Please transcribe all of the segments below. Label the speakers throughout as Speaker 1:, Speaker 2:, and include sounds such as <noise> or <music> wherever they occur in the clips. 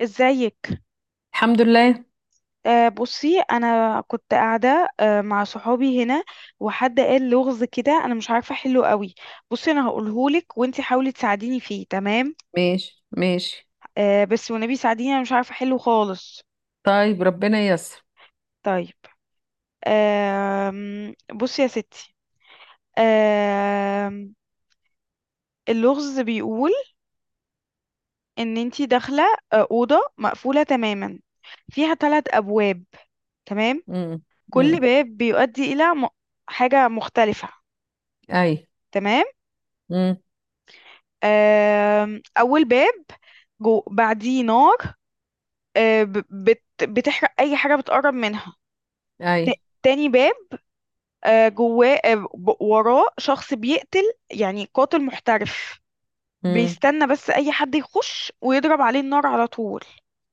Speaker 1: ازيك.
Speaker 2: الحمد لله.
Speaker 1: بصي انا كنت قاعده مع صحابي هنا. وحد قال لغز كده انا مش عارفه احله قوي. بصي انا هقولهولك وانتي حاولي تساعديني فيه، تمام؟
Speaker 2: ماشي ماشي.
Speaker 1: بس والنبي ساعديني، انا مش عارفه احله خالص.
Speaker 2: طيب، ربنا ييسر.
Speaker 1: طيب. آه بصي يا ستي. آه اللغز بيقول ان انتي داخله اوضه مقفوله تماما، فيها ثلاث ابواب. تمام.
Speaker 2: امم.
Speaker 1: كل
Speaker 2: امم.
Speaker 1: باب بيؤدي الى حاجه مختلفه.
Speaker 2: اي.
Speaker 1: تمام.
Speaker 2: امم.
Speaker 1: أول باب جو بعديه نار، آه، ب- بت بتحرق أي حاجة بتقرب منها.
Speaker 2: اي.
Speaker 1: تاني باب، وراه شخص بيقتل، يعني قاتل محترف،
Speaker 2: امم.
Speaker 1: بيستنى بس أي حد يخش ويضرب عليه النار على طول.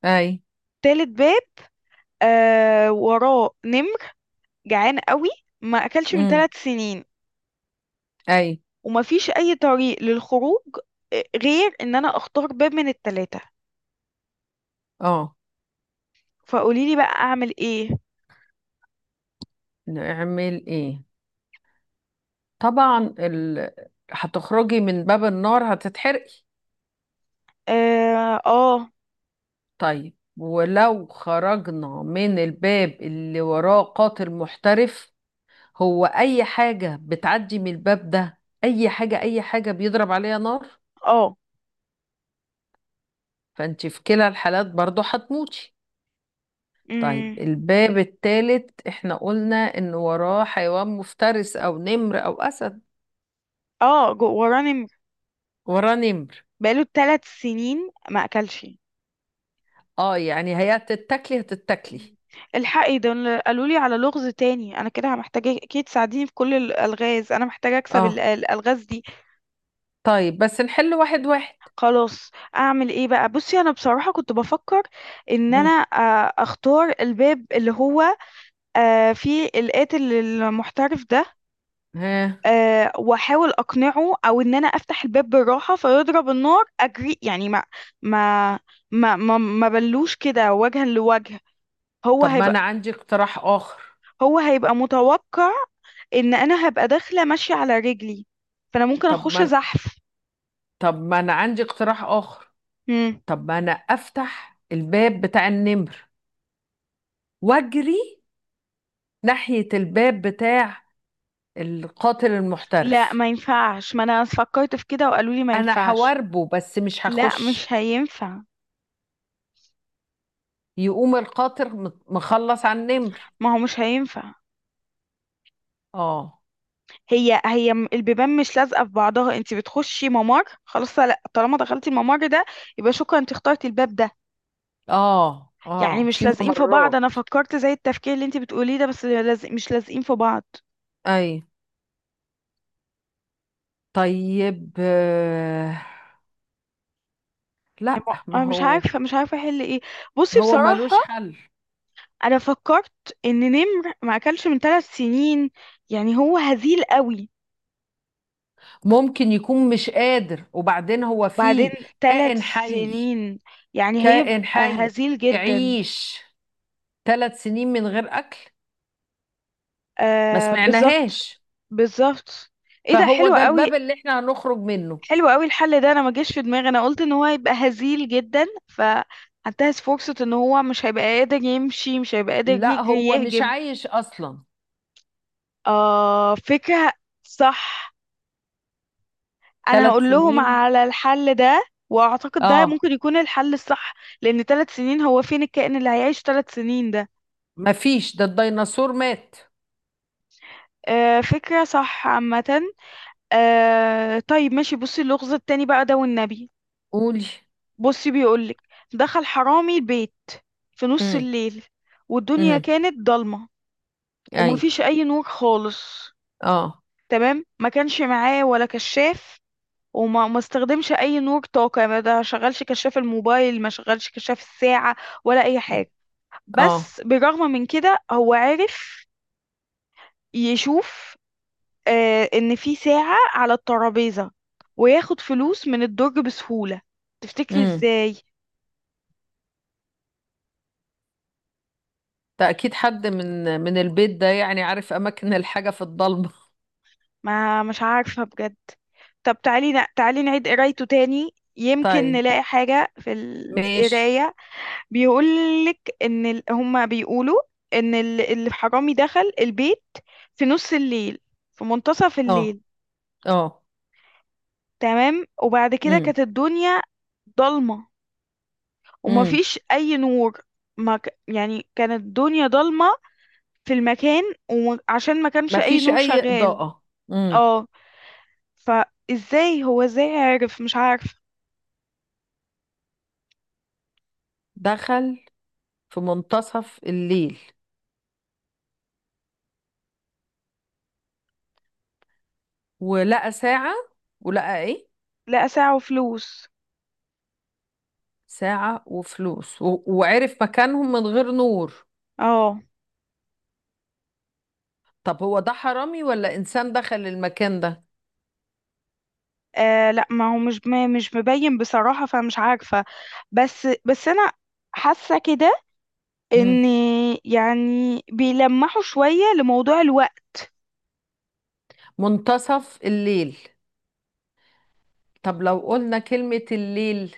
Speaker 2: اي.
Speaker 1: تالت باب، وراه نمر جعان قوي، ما أكلش من
Speaker 2: امم.
Speaker 1: ثلاث سنين.
Speaker 2: اي.
Speaker 1: ومفيش أي طريق للخروج، غير إن أنا أختار باب من التلاتة.
Speaker 2: اه.
Speaker 1: فقوليلي بقى أعمل إيه؟
Speaker 2: نعمل ايه؟ طبعا هتخرجي من باب النار هتتحرقي.
Speaker 1: آه, آه
Speaker 2: طيب، ولو خرجنا من الباب اللي وراه قاتل محترف، هو اي حاجة بتعدي من الباب ده، اي حاجة اي حاجة بيضرب عليها نار.
Speaker 1: اه.
Speaker 2: فانت في كلا الحالات برضو هتموتي. طيب،
Speaker 1: امم.
Speaker 2: الباب التالت احنا قلنا ان وراه حيوان مفترس او نمر او اسد.
Speaker 1: اه وراه نمر.
Speaker 2: وراه نمر.
Speaker 1: بقاله ثلاث سنين ما اكلش.
Speaker 2: اه، يعني هي هتتاكلي هتتاكلي.
Speaker 1: مم. الحقي ده، قالوا لي على لغز تاني، انا كده محتاجه اكيد تساعديني في كل الالغاز، انا محتاجه اكسب
Speaker 2: اه،
Speaker 1: الالغاز دي.
Speaker 2: طيب بس نحل واحد واحد.
Speaker 1: خلاص. اعمل ايه بقى؟ بصي انا بصراحه كنت بفكر ان انا
Speaker 2: مم.
Speaker 1: اختار الباب اللي هو فيه القاتل المحترف ده،
Speaker 2: ها.
Speaker 1: واحاول اقنعه، او ان انا افتح الباب بالراحه فيضرب النار اجري، يعني ما ما ما بلوش كده وجها لوجه. هو
Speaker 2: طب ما انا
Speaker 1: هيبقى
Speaker 2: عندي اقتراح اخر.
Speaker 1: هو هيبقى متوقع ان انا هبقى داخله ماشيه على رجلي، فانا ممكن
Speaker 2: طب
Speaker 1: اخش
Speaker 2: ما أنا-
Speaker 1: زحف.
Speaker 2: طب ما انا عندي اقتراح اخر.
Speaker 1: مم.
Speaker 2: طب ما انا افتح الباب بتاع النمر واجري ناحية الباب بتاع القاتل
Speaker 1: لا
Speaker 2: المحترف.
Speaker 1: ما ينفعش، ما انا فكرت في كده وقالوا لي ما
Speaker 2: انا
Speaker 1: ينفعش.
Speaker 2: هواربه بس مش
Speaker 1: لا
Speaker 2: هخش.
Speaker 1: مش هينفع.
Speaker 2: يقوم القاطر مخلص على النمر.
Speaker 1: ما هو مش هينفع.
Speaker 2: اه.
Speaker 1: البيبان مش لازقه في بعضها، انت بتخشي ممر، خلاص، لا طالما دخلتي الممر ده يبقى شكرا انت اخترتي الباب ده.
Speaker 2: اه
Speaker 1: يعني
Speaker 2: اه
Speaker 1: مش
Speaker 2: في
Speaker 1: لازقين في بعض. انا
Speaker 2: ممرات.
Speaker 1: فكرت زي التفكير اللي انت بتقوليه ده، بس لازق، مش لازقين في بعض.
Speaker 2: اي. طيب، لا ما
Speaker 1: انا مش
Speaker 2: هو.
Speaker 1: عارفه مش عارفه احل ايه. بصي
Speaker 2: هو
Speaker 1: بصراحه،
Speaker 2: ملوش حل.
Speaker 1: انا فكرت ان نمر ما اكلش من ثلاث سنين، يعني هو هزيل قوي.
Speaker 2: ممكن يكون مش قادر، وبعدين هو
Speaker 1: بعدين
Speaker 2: فيه
Speaker 1: ثلاث
Speaker 2: كائن حي.
Speaker 1: سنين يعني هيبقى
Speaker 2: كائن حي
Speaker 1: هزيل جدا.
Speaker 2: يعيش ثلاث سنين من غير اكل؟ ما
Speaker 1: آه بالظبط.
Speaker 2: سمعناهاش.
Speaker 1: بالظبط. ايه ده
Speaker 2: فهو
Speaker 1: حلو
Speaker 2: ده
Speaker 1: قوي.
Speaker 2: الباب اللي احنا هنخرج منه.
Speaker 1: حلو قوي الحل ده، انا ما جاش في دماغي. انا قلت ان هو هيبقى هزيل جدا فهنتهز فرصة ان هو مش هيبقى قادر يمشي، مش هيبقى قادر
Speaker 2: لا،
Speaker 1: يجري
Speaker 2: هو مش
Speaker 1: يهجم.
Speaker 2: عايش اصلا.
Speaker 1: آه فكرة صح. انا
Speaker 2: ثلاث
Speaker 1: هقول لهم
Speaker 2: سنين.
Speaker 1: على الحل ده، واعتقد ده
Speaker 2: اه،
Speaker 1: ممكن يكون الحل الصح، لان ثلاث سنين هو فين الكائن اللي هيعيش ثلاث سنين ده؟
Speaker 2: مفيش، ده الديناصور مات.
Speaker 1: آه فكرة صح عامة. طيب ماشي. بصي اللغز التاني بقى ده والنبي.
Speaker 2: قولي.
Speaker 1: بصي بيقولك دخل حرامي البيت في نص
Speaker 2: امم.
Speaker 1: الليل، والدنيا
Speaker 2: امم.
Speaker 1: كانت ضلمة،
Speaker 2: اي.
Speaker 1: ومفيش أي نور خالص،
Speaker 2: اه.
Speaker 1: تمام؟ ما كانش معاه ولا كشاف، وما ما استخدمش أي نور طاقة، ما ده شغلش كشاف الموبايل، ما شغلش كشاف الساعة، ولا أي
Speaker 2: مم.
Speaker 1: حاجة.
Speaker 2: اه.
Speaker 1: بس بالرغم من كده هو عرف يشوف إن في ساعة على الترابيزة، وياخد فلوس من الدرج بسهولة. تفتكري
Speaker 2: امم.
Speaker 1: إزاي؟
Speaker 2: ده اكيد حد من البيت ده، يعني عارف اماكن الحاجة في الضلمة.
Speaker 1: ما مش عارفة بجد. طب تعالي تعالي نعيد قرايته تاني،
Speaker 2: <laughs>
Speaker 1: يمكن
Speaker 2: طيب،
Speaker 1: نلاقي حاجة في
Speaker 2: ماشي.
Speaker 1: القراية. بيقولك إن هما بيقولوا إن الحرامي دخل البيت في نص الليل، في منتصف
Speaker 2: اه.
Speaker 1: الليل،
Speaker 2: اه.
Speaker 1: تمام. وبعد كده
Speaker 2: امم.
Speaker 1: كانت الدنيا ضلمة
Speaker 2: امم.
Speaker 1: ومفيش أي نور. ما ك... يعني كانت الدنيا ضلمة في المكان، وعشان ما كانش أي
Speaker 2: مفيش
Speaker 1: نور
Speaker 2: اي
Speaker 1: شغال.
Speaker 2: اضاءة. امم.
Speaker 1: اه. فازاي هو ازاي عرف؟ مش عارفة.
Speaker 2: دخل في منتصف الليل، ولقى ساعة، ولقى ايه؟
Speaker 1: لقى ساعة وفلوس.
Speaker 2: ساعة وفلوس، وعرف مكانهم من غير نور.
Speaker 1: اه.
Speaker 2: طب هو ده حرامي ولا انسان دخل المكان ده؟
Speaker 1: آه لا ما هو مش مبين بصراحة، فمش عارفة. بس أنا حاسة كده
Speaker 2: مم.
Speaker 1: إن، يعني، بيلمحوا شوية لموضوع الوقت.
Speaker 2: منتصف الليل. طب لو قلنا كلمة الليل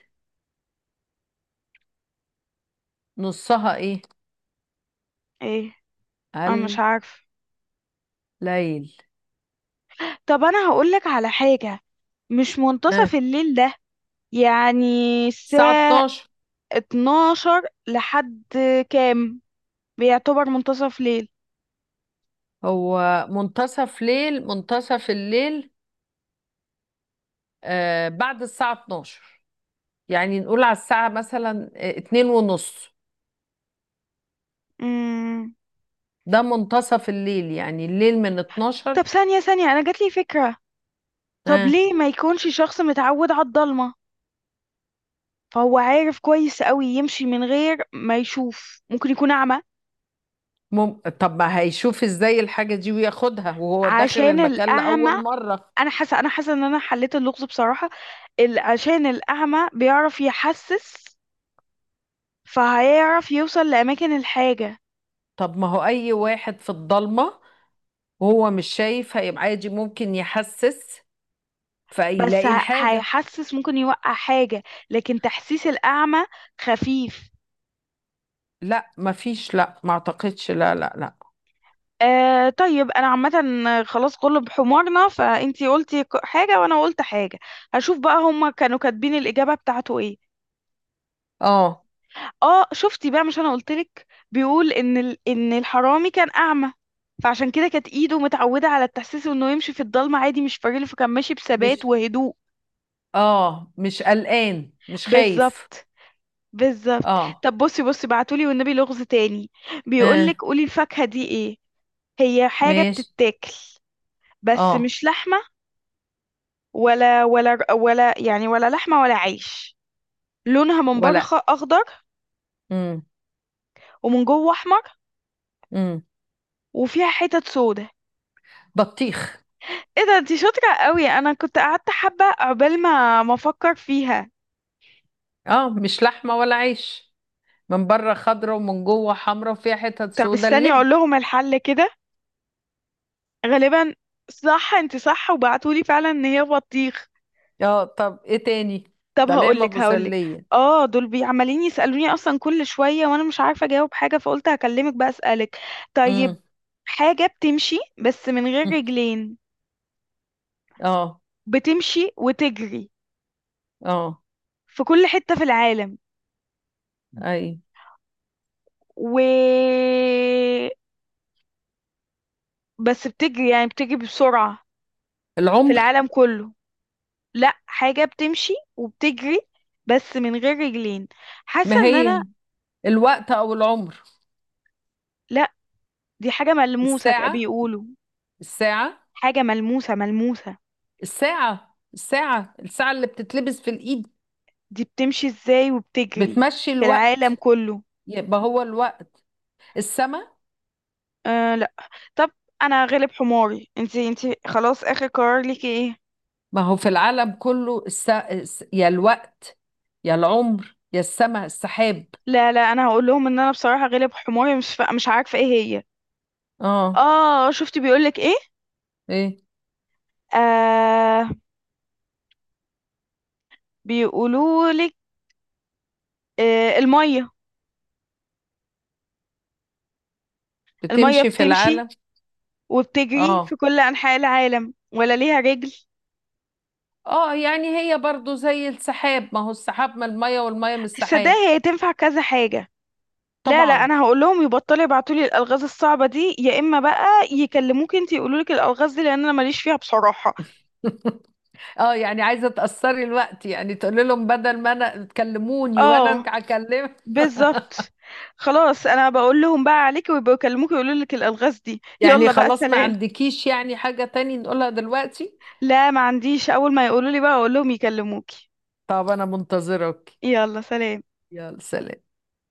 Speaker 2: نصها ايه؟
Speaker 1: إيه؟ أنا مش عارفة.
Speaker 2: الليل.
Speaker 1: طب أنا هقولك على حاجة، مش
Speaker 2: ها.
Speaker 1: منتصف الليل ده يعني
Speaker 2: الساعة
Speaker 1: الساعة
Speaker 2: 12.
Speaker 1: 12 لحد كام بيعتبر منتصف ليل؟
Speaker 2: هو منتصف ليل منتصف الليل. آه، بعد الساعة 12. يعني نقول على الساعة مثلا اتنين ونص.
Speaker 1: مم.
Speaker 2: ده منتصف الليل، يعني الليل من
Speaker 1: طب
Speaker 2: 12.
Speaker 1: ثانية أنا جاتلي فكرة. طب
Speaker 2: ها.
Speaker 1: ليه ما يكونش شخص متعود على الضلمة، فهو عارف كويس قوي يمشي من غير ما يشوف؟ ممكن يكون اعمى.
Speaker 2: طب ما هيشوف ازاي الحاجة دي وياخدها وهو داخل
Speaker 1: عشان
Speaker 2: المكان
Speaker 1: الاعمى،
Speaker 2: لأول مرة؟
Speaker 1: انا حاسه ان انا حليت اللغز بصراحه. عشان الاعمى بيعرف يحسس، فهيعرف يوصل لاماكن الحاجه.
Speaker 2: طب ما هو أي واحد في الضلمة وهو مش شايف هيبقى عادي، ممكن يحسس
Speaker 1: بس
Speaker 2: فيلاقي الحاجة.
Speaker 1: هيحسس ممكن يوقع حاجه، لكن تحسيس الاعمى خفيف.
Speaker 2: لا مفيش، لا ما اعتقدش، لا لا لا.
Speaker 1: آه طيب انا عامه خلاص كله بحمارنا، فانتي قلتي حاجه وانا قلت حاجه. هشوف بقى هما كانوا كاتبين الاجابه بتاعته ايه.
Speaker 2: اه
Speaker 1: اه شفتي بقى، مش انا قلتلك؟ بيقول ان ان الحرامي كان اعمى، فعشان كده كانت ايده متعوده على التحسيس، انه يمشي في الضلمه عادي مش فارقله، فكان ماشي بثبات
Speaker 2: مش
Speaker 1: وهدوء.
Speaker 2: اه مش قلقان، مش خايف.
Speaker 1: بالظبط. بالظبط.
Speaker 2: اه.
Speaker 1: طب بصي، بصي بعتولي والنبي لغز تاني، بيقولك
Speaker 2: اه.
Speaker 1: قولي الفاكهه دي ايه. هي حاجه
Speaker 2: ماشي.
Speaker 1: بتتاكل، بس
Speaker 2: اه.
Speaker 1: مش لحمه ولا، يعني، ولا لحمه ولا عيش. لونها من بره
Speaker 2: ولا.
Speaker 1: اخضر،
Speaker 2: امم.
Speaker 1: ومن جوه احمر،
Speaker 2: امم.
Speaker 1: وفيها حتت سودا.
Speaker 2: بطيخ.
Speaker 1: ايه ده انتي شاطرة قوي، انا كنت قعدت حبة عقبال ما افكر فيها.
Speaker 2: اه، مش لحمة ولا عيش، من بره خضرة ومن جوه حمرا وفيها حتت
Speaker 1: طب
Speaker 2: سودا،
Speaker 1: استني
Speaker 2: اللب.
Speaker 1: اقول لهم الحل كده. غالبا صح، انتي صح، وبعتولي فعلا ان هي بطيخ.
Speaker 2: اه، طب ايه تاني؟
Speaker 1: طب
Speaker 2: ده نعمة
Speaker 1: هقولك،
Speaker 2: مسلية.
Speaker 1: اه دول عمالين يسألوني اصلا كل شوية وانا مش عارفة اجاوب حاجة، فقلت هكلمك بقى اسألك. طيب
Speaker 2: امم.
Speaker 1: حاجة بتمشي بس من غير رجلين،
Speaker 2: اه.
Speaker 1: بتمشي وتجري
Speaker 2: اه.
Speaker 1: في كل حتة في العالم،
Speaker 2: اي.
Speaker 1: و، بس بتجري يعني بتجري بسرعة في
Speaker 2: العمر.
Speaker 1: العالم كله. لا حاجة بتمشي وبتجري بس من غير رجلين. حاسة
Speaker 2: ما
Speaker 1: ان انا،
Speaker 2: هي الوقت او العمر.
Speaker 1: لا، دي حاجة ملموسة
Speaker 2: الساعة.
Speaker 1: بيقولوا.
Speaker 2: الساعة
Speaker 1: حاجة ملموسة.
Speaker 2: الساعة اللي بتتلبس في الايد.
Speaker 1: دي بتمشي ازاي وبتجري
Speaker 2: بتمشي
Speaker 1: في العالم
Speaker 2: الوقت.
Speaker 1: كله؟
Speaker 2: يبقى هو الوقت. السما.
Speaker 1: آه لا. طب انا غلب حماري، انتي خلاص اخر قرار ليكي ايه؟
Speaker 2: ما هو في العالم كله يا الوقت، يا العمر، يا السما، السحاب.
Speaker 1: لا لا، انا هقول لهم ان انا بصراحة غلب حماري، مش عارفة ايه هي.
Speaker 2: اه.
Speaker 1: اه شفت بيقولك ايه؟
Speaker 2: ايه،
Speaker 1: آه بيقولولك آه المية. المية
Speaker 2: بتمشي في
Speaker 1: بتمشي
Speaker 2: العالم.
Speaker 1: وبتجري
Speaker 2: اه.
Speaker 1: في كل أنحاء العالم ولا ليها رجل.
Speaker 2: اه، يعني هي برضو زي السحاب، ما هو السحاب من المية والمية من السحاب.
Speaker 1: صدقني هي تنفع كذا حاجة. لا لا،
Speaker 2: طبعا.
Speaker 1: أنا هقول لهم يبطلوا يبعتوا لي الألغاز الصعبة دي، يا إما بقى يكلموك انتي يقولوا لك الألغاز دي، لأن أنا ماليش فيها بصراحة.
Speaker 2: <laughs> اه، يعني عايزه تاثري الوقت، يعني تقولي لهم بدل ما انا تكلموني وانا
Speaker 1: اه
Speaker 2: ارجع اكلم.
Speaker 1: بالظبط. خلاص أنا بقول لهم بقى عليك، ويبقوا يكلموك يقولوا لك الألغاز دي.
Speaker 2: يعني
Speaker 1: يلا بقى
Speaker 2: خلاص ما
Speaker 1: سلام.
Speaker 2: عندكيش يعني حاجه تاني نقولها دلوقتي؟
Speaker 1: لا ما عنديش، أول ما يقولوا لي بقى أقول لهم يكلموكي.
Speaker 2: طب انا منتظرك.
Speaker 1: يلا سلام.
Speaker 2: يلا سلام.